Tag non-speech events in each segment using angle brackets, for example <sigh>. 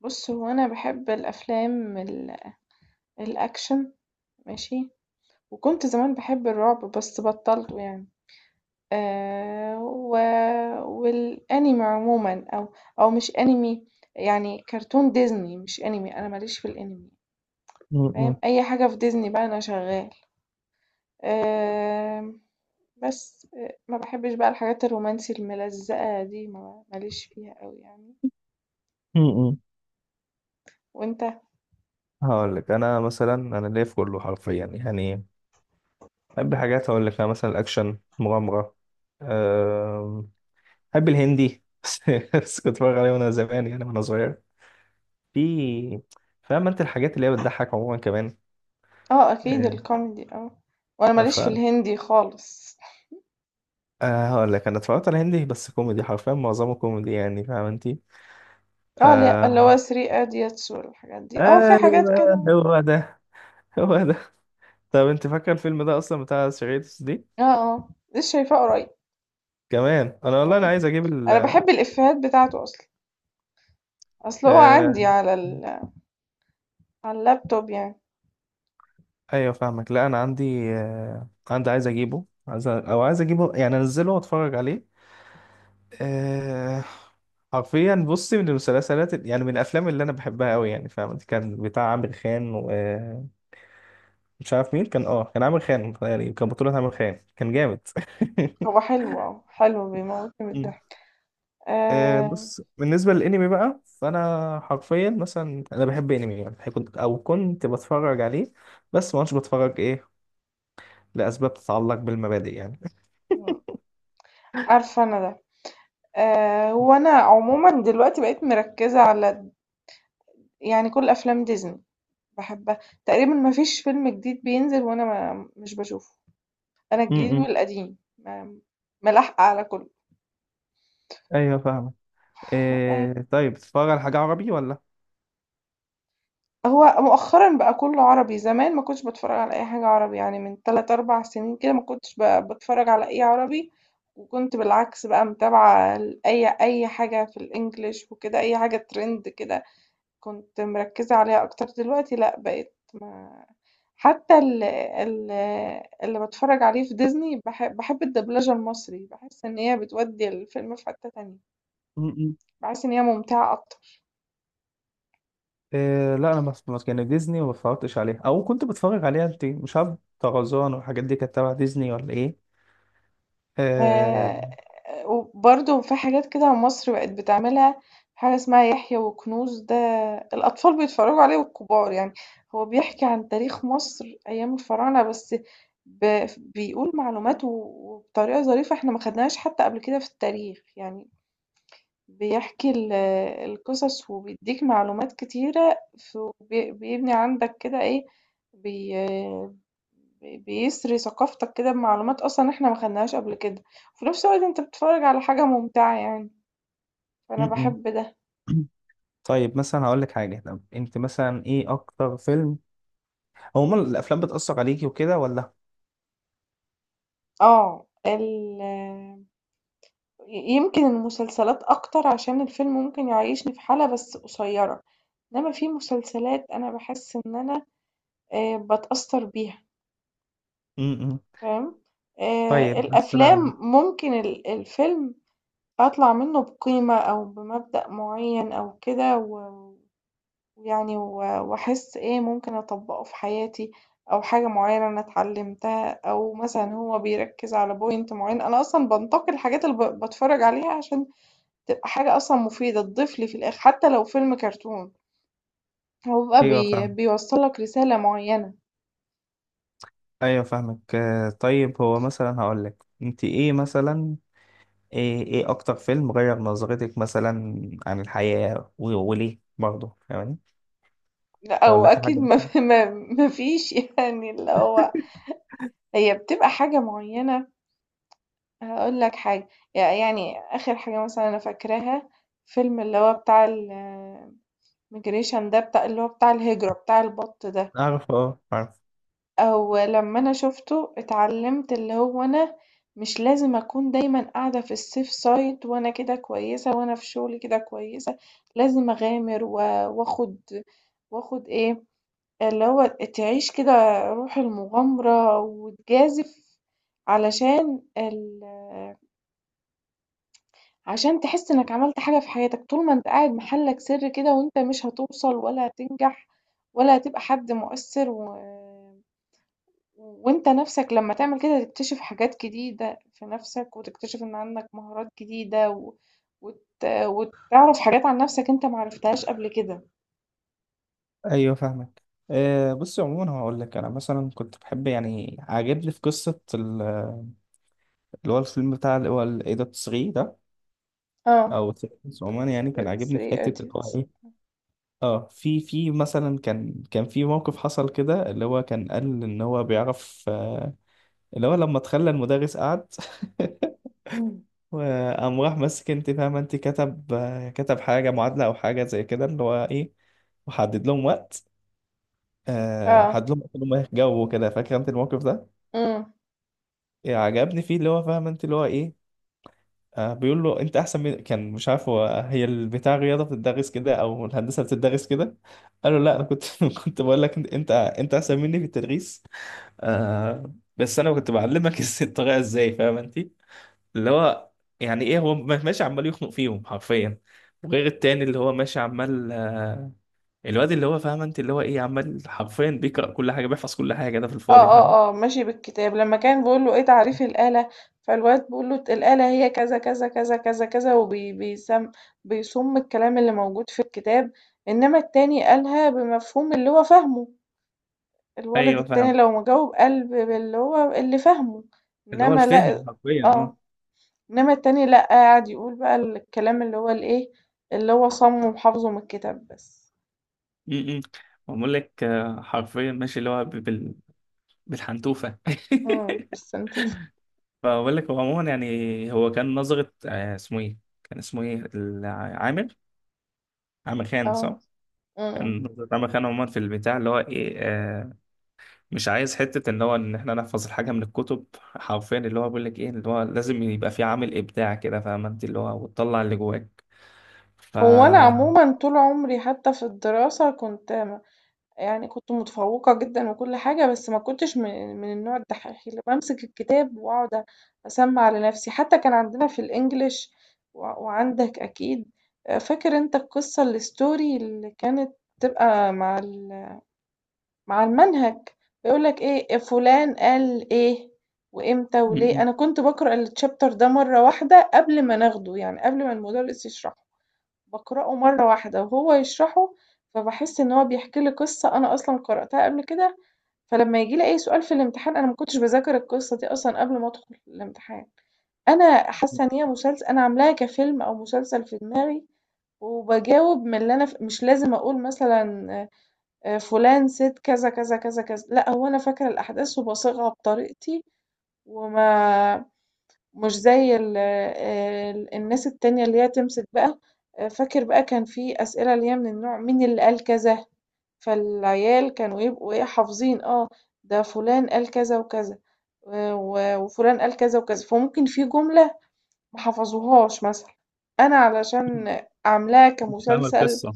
بُص، هو أنا باحب الأفلام الأكشن ماشي، وكنت زمان باحب الرعب بس بطّلته يعني، و والAnime عمومًا أو مش Anime، يعني كرتون ديزني مش Anime، أنا ما ليش في الAnime م- فاهم، م- أي حاجة في ديزني بقى أنا شغّال، آمم بس ما باحبش بقى الحاجات الرومانسي الملزقة دي ما ليش فيها أوي يعني، م- م. وأنت؟ هقول لك انا مثلا انا ليا في كله حرفيا يعني بحب حاجات، هقول لك انا مثلا الاكشن مغامره. أم، بحب الهندي <laughs> بس كنت بتفرج عليه وانا زمان يعني وانا صغير. في، فاهم انت الحاجات اللي هي بتضحك عموما كمان. آه، أكيد أه. الكوميدي، آه، وأنا ما ف ليش في الهندي خالص. أه، هقول لك انا اتفرجت على هندي بس كوميدي، حرفيا معظمه كوميدي يعني فاهم انت. آه، لأ، اللي هو أم، 3 Idiots والحاجات دي، آه، في حاجات ايوه كده. هو ده، إمم، هو ده. طب انت فاكر الفيلم ده اصلا بتاع سيريتس دي؟ آه، آه، لسه شايفاه قريب. كمان انا والله انا إمم، عايز اجيب. أنا باحب الإفيهات بتاعته أصلًا، أصل هو آه، عندي على ال على اللابتوب يعني، ايوه فاهمك. لا انا عندي، آه، عندي عايز اجيبه، عايز او عايز اجيبه يعني انزله واتفرج عليه. آه، حرفيا بصي، من المسلسلات يعني من الافلام اللي انا بحبها قوي يعني فاهم، كان بتاع عامر خان ومش عارف مين كان. اه كان عامر خان، يعني كان بطولة عامر خان، كان جامد هو <laughs> حلو، آه، حلو بيموتني من مم. الضحك. آه، آآ، بص بالنسبة للانمي بقى، فانا حرفيا مثلا انا بحب انمي يعني، كنت بتفرج عليه بس ما كنتش بتفرج، ايه، لاسباب تتعلق بالمبادئ يعني. إمم، عارفة أنا ده. هو أنا عمومًا دلوقتي بقيت مركّزة على يعني كل أفلام ديزني باحبها، تقريبًا ما فيش فيلم جديد بينزل وأنا ما مش باشوفه، أنا الجديد امم، والقديم، ملاحقة على كُلّه. ايوه فاهمك. آآ إيه طيب، بتتفرج على حاجه عربي ولا؟ هو مؤخرًا بقى كُلّه عربي، زمان ما كنتش باتفرّج على أي حاجة عربي، يعني من 3، 4 سنين كده ما كنتش باتفرّج على أي عربي، وكنت بالعكس بقى متابعة ال أي أي حاجة في الEnglish وكده، أي حاجة trend كده كنت مركّزة عليها أكتر، دلوقتي لأ بقيت ما حتى ال ال اللي باتفرّج عليه في Disney باحب الدبلجة المصري، باحس إن هي بتودّي الفيلم في حتّة تانية، م- م. باحس إن هي ممتعة أكتر. إيه لا انا، بس يعني ديزني ما بتفرجتش عليها، او كنت بتفرج عليها، انت مش عارف طرزان والحاجات دي كانت تبع ديزني ولا ايه؟ إيه. آآ وبرضه في حاجات كده مصر بقت بتعملها، حاجة اسمها يحيى وكنوز ده الأطفال بيتفرّجوا عليه والكبار يعني، هو بيحكي عن تاريخ مصر أيام الفراعنة بس بيقول معلومات وبطريقة ظريفة إحنا ما خدناهاش حتى قبل كده في التاريخ، يعني بيحكي القصص وبيديك معلومات كتيرة بيبني عندك كده ايه بي بيسري ثقافتك كده بمعلومات اصلا احنا ما خدناهاش قبل كده، وفي نفس الوقت انت بتتفرج على حاجة ممتعة يعني، م- فانا م. بحب ده. <clears throat> طيب مثلا هقول لك حاجه، طب انت مثلا ايه اكتر فيلم، هو الافلام بتاثر عليكي وكده ولا؟ اه، يمكن المسلسلات اكتر عشان الفيلم ممكن يعيشني في حالة بس قصيرة، انما في مسلسلات انا بحس ان انا بتأثر بيها امم. فاهم، طيب مثلا. الأفلام ممكن الفيلم أطلع منه بقيمة أو بمبدأ معيّن أو كده ويعني وأحس إيه ممكن أطبّقه في حياتي أو حاجة معيّنة أنا اتعلمتها أو مثلًا هو بيركّز على point معيّن، أنا أصلًا بانتقي الحاجات اللي باتفرّج عليها عشان تبقى حاجة أصلًا مفيدة تضيف لي في الآخر، حتى لو فيلم كرتون هو بيبقى ايوه بي فاهم. بيوصّل لك رسالة معيّنة. ايوه فاهمك، آه، طيب هو مثلا هقول لك، انت ايه مثلا، ايه ايه اكتر فيلم غير نظرتك مثلا عن الحياة و- وليه برضه، فاهماني؟ لأ او ولا في وأكيد حاجة ما <laughs> مثلا. ف ما فيش يعني اللي هو هي بتبقى حاجة معيّنة. هاقول لك حاجة، يعني آخر حاجة مثلًا أنا فاكراها فيلم اللي هو بتاع الmigration ده بتاع اللي هو بتاع الهجرة بتاع البَط ده، اعرف، اه عارف. أو لمّا أنا شُفته اتعلّمت اللي هو أنا مش لازم أكون دايمًا قاعدة في الsafe side وأنا كده كويسة وأنا في شغلي كده كويسة، لازم أغامر وآخُد وآخُد إيه، اللي هو تعيش كده روح المغامرة وتجازف علشان ال عشان تحس إنك عملت حاجة في حياتك، طول ما أنت قاعد محلك سر كده وأنت مش هتوصل ولا هتنجح ولا هتبقى حد مؤثر وأنت نفسك لما تعمل كده تكتشف حاجات جديدة في نفسك وتكتشف إن عندك مهارات جديدة وت... وتعرف حاجات عن نفسك أنت معرفتهاش قبل كده. ايوه فاهمك، آه بصي عموما هقول لك انا مثلا كنت بحب يعني، عاجبني في قصة اللي هو الفيلم بتاع اللي هو الايه ده 3، ده اه، او 3. عموما يعني كان عاجبني في 3 حتة اللي هو idiots. ايه. اه، في مثلا، كان في موقف حصل كده، اللي هو كان قال ان هو بيعرف. آه، اللي هو لما تخلى المدرس قعد <laughs> وقام راح ماسك، انت فاهمة انت، كتب حاجة، معادلة أو حاجة زي كده، اللي هو إيه، وحدد لهم وقت. آه، اه، حدد لهم وقت إنهم يجاوبوا كده، فاكرة انت الموقف ده؟ امم إيه، عجبني فيه اللي هو فاهمة انت اللي هو إيه، آه، بيقول له انت احسن من، كان مش عارف هو هي البتاع الرياضه بتدرس كده او الهندسه بتدرس كده، قال له لا انا كنت <laughs> كنت بقول لك انت، أنت احسن مني في التدريس، آه بس انا كنت بعلمك <laughs> الطريقه ازاي، فاهم انت؟ اللي هو يعني ايه، هو ماشي عمال يخنق فيهم حرفيا، وغير التاني اللي هو ماشي عمال، آه، الواد اللي هو فاهم انت اللي هو ايه، عمال حرفيا بيقرأ كل حاجة، بيحفظ كل حاجة، ده في آه، الفاضي فاهم. آه، آه، ماشي بالكتاب، لمّا كان بيقول له إيه تعريف الآلة، فالواد بيقول له الآلة هي كذا، كذا، كذا، كذا، كذا، وبي بيسم بيصُم الكلام اللي موجود في الكتاب، إنما التاني قالها بمفهوم اللي هو فاهمه، الولد ايوه التاني فاهم، لو ما جاوب قال باللي هو اللي فاهمه، اللي هو إنما الفهم لأ، حرفيا، اه. آه، إنما التاني لأ، قعد يقول بقى الكلام اللي هو الإيه، اللي هو صاممه وحافظه من الكتاب بس. م- م. بقول لك آه، حرفيا ماشي اللي هو بال... بالحنتوفة إمم، <laughs> بالسنتوفة، فبقول لك هو عموما يعني، هو كان نظرة، آه، اسمه ايه، كان اسمه ايه عامر، عامر آه، خان، إمم، صح؟ إمم. كان نظرة عامر خان عموما في البتاع اللي هو ايه، آه، مش عايز حتة ان هو ان احنا نحفظ الحاجة من الكتب حرفيا، اللي هو بيقول لك ايه، اللي هو لازم يبقى في عامل ابداع كده فاهم انت، اللي هو وتطلع اللي جواك. ف هو أنا عمومًا <laughs> طول عمري حتى في الدراسة كنت م يعني كنت متفوقة جدًا وكل حاجة، بس ما كنتش من النوع الدحّيح اللي بامسك الكتاب وأقعد أسمّع لنفسي، حتى كان عندنا في الEnglish وعندك أكيد، فاكر أنت القصة الstory اللي كانت بتبقى مع المنهج، يقول لك إيه "إيه فلان قال إيه وإمتى وليه"، م- أنا كنت باقرأ الchapter ده مرّة واحدة قبل ما ناخده، يعني قبل ما المدرس يشرحه. باقرأه مرّة واحدة وهو يشرحه، فباحس إن هو بيحكي لي قصة أنا أصلًا قرأتها قبل كده، فلمّا ييجي لي أي سؤال في الامتحان أنا ما كنتش باذاكر القصة دي أصلًا قبل ما أدخل الامتحان، أنا حاسة إن هي أنا عاملاها كفيلم أو مسلسل في دماغي، وباجاوب من اللي أنا مش لازم أقول مثلًا فلان سِت كذا، كذا، كذا، كذا، لأ هو أنا فاكرة الأحداث وباصيغها بطريقتي وما مش زي ال ال الناس التانية اللي هي تمسك بقى، فاكر بقى كان في أسئلة اللي هي من النوع مين اللي قال كذا، فالعيال كانوا يبقوا إيه حافظين، آه، ده فلان قال كذا وكذا و وفلان قال كذا وكذا، فممكن في جملة ما حفظوهاش مثلًا، أنا م- علشان عاملاها مش فاهم كمسلسل القصة.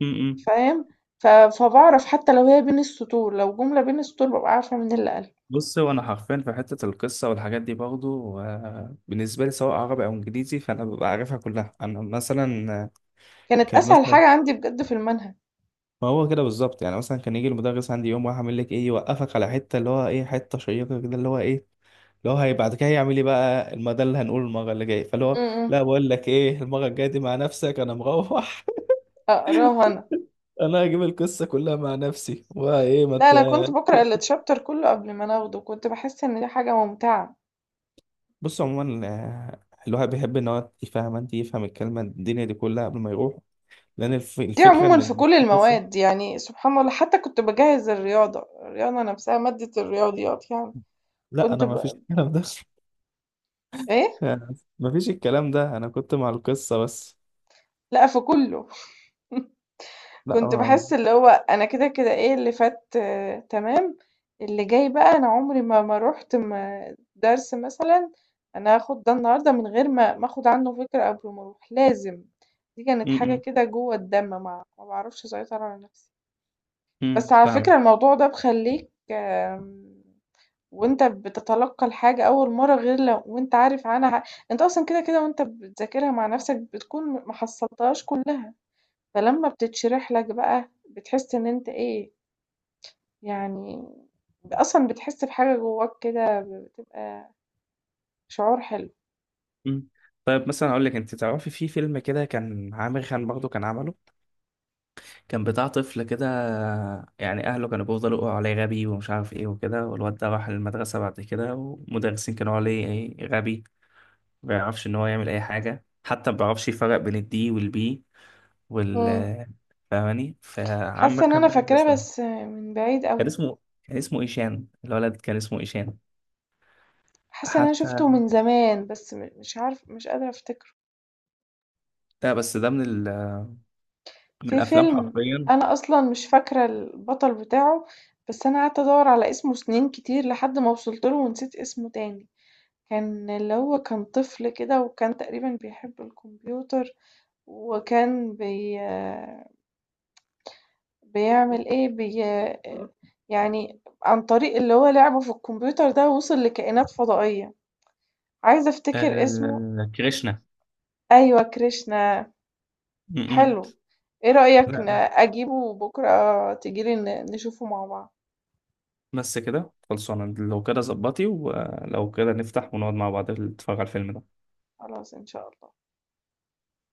م- م. فاهم، فباعرف حتى لو هي بين السطور، لو جملة بين السطور بابقى عارفة مين اللي قالها، بص هو انا حرفيا في حتة القصة والحاجات دي برضو، آه، بالنسبة لي سواء عربي او انجليزي فانا ببقى عارفها كلها، انا مثلا آه، كانت كان أسهل مثلا، حاجة عندي بجد في المنهج. ما هو كده بالظبط يعني، مثلا كان يجي المدرس عندي يوم واحد عامل لك ايه، يوقفك على حته اللي هو ايه، حته شيقه كده اللي هو ايه، اللي هو هي بعد كده هيعمل ايه بقى ده اللي هنقوله المره اللي جايه، فاللي هو إمم، إمم، لا بقول لك ايه، المره الجايه دي مع نفسك، انا مروح أقراها أنا. <laughs> انا هجيب القصه كلها مع نفسي وايه، ما لا، انت، أنا كنت باقرأ الchapter كله قبل ما أنا آخده، كنت باحس إن دي حاجة ممتعة. بص عموما آه، الواحد بيحب ان هو يفهم، انت يفهم الكلمه الدنيا دي كلها قبل ما يروح، لان دي الفكره عمومًا ان في لما كل تبقى قصه، المواد يعني سبحان الله، حتى كنت باجهز الرياضة، الرياضة نفسها مادة الرياضيات يعني، لا كنت انا ما فيش الكلام ده <laughs> إيه؟ يعني ما فيش الكلام ده، انا كنت مع القصه بس. لأ، في كله. <laughs> لا كنت ما- باحس اللي هو أنا كده، كده إيه اللي فات، آه، تمام، اللي جاي بقى أنا عمري ما رُحت ما درس مثلًا أنا هاخد ده النهارده من غير ما آخد عنه فكرة قبل ما أروح، لازم. دي كانت م- حاجة م. كده جوّه الدم ما باعرفش أسيطر على نفسي. بس على فكرة فاهم. الموضوع ده بيخلّيك. وأنت بتتلقّى الحاجة أول مرّة غير لو وأنت عارف عنها أنت أصلًا كده، كده وأنت بتذاكرها مع نَفْسك بتكون ما حصّلتهاش كُلّها، فلمّا بتتشرح لك بقى بتحس إن أنت إيه، يعني أصلًا بتحس بحاجة جوّاك كده بتبقى شعور حلو. امم، طيب مثلا اقول لك، انت تعرفي في فيلم كده كان عامر خان برضه كان عمله، كان بتاع طفل كده، يعني اهله كانوا بيفضلوا يقولوا عليه غبي ومش عارف ايه وكده، والواد ده راح المدرسه بعد كده والمدرسين كانوا يقولوا عليه ايه غبي، ما بيعرفش ان هو يعمل اي حاجه، حتى ما بيعرفش يفرق بين الدي والبي، إمم. وال، فاهماني؟ حاسّة فعمر إن خان أنا بقى اللي كان فاكراه بس اسمه، من بعيد أوي، كان اسمه كان اسمه ايشان، الولد كان اسمه ايشان، حاسّة إن أنا حتى شُفته من زمان بس مش عارفة مش قادرة أفتكره. ده، بس ده من ال... من في الافلام فيلم حرفيا. أنا أصلًا مش فاكرة البطل بتاعه، بس أنا قعدت أدوّر على اسمه سنين كتير لحد ما وصلت له ونسيت اسمه تاني، كان اللي هو كان طفل كده وكان تقريبًا بيحب الكمبيوتر وكان بيعمل إيه، يعني عن طريق اللي هو لعبه في الكمبيوتر ده وصل لكائنات فضائية، عايزة أفتكر اسمه. آه... كريشنا. أيوه، كريشنا، م-م. حلو، إيه رأيك لا لا، أجيبه بكرة تيجي لي نشوفه مع بعض؟ بس كده خلصانة، لو كده ظبطي، ولو كده نفتح ونقعد مع بعض نتفرج على الفيلم ده. خلاص إن شاء الله.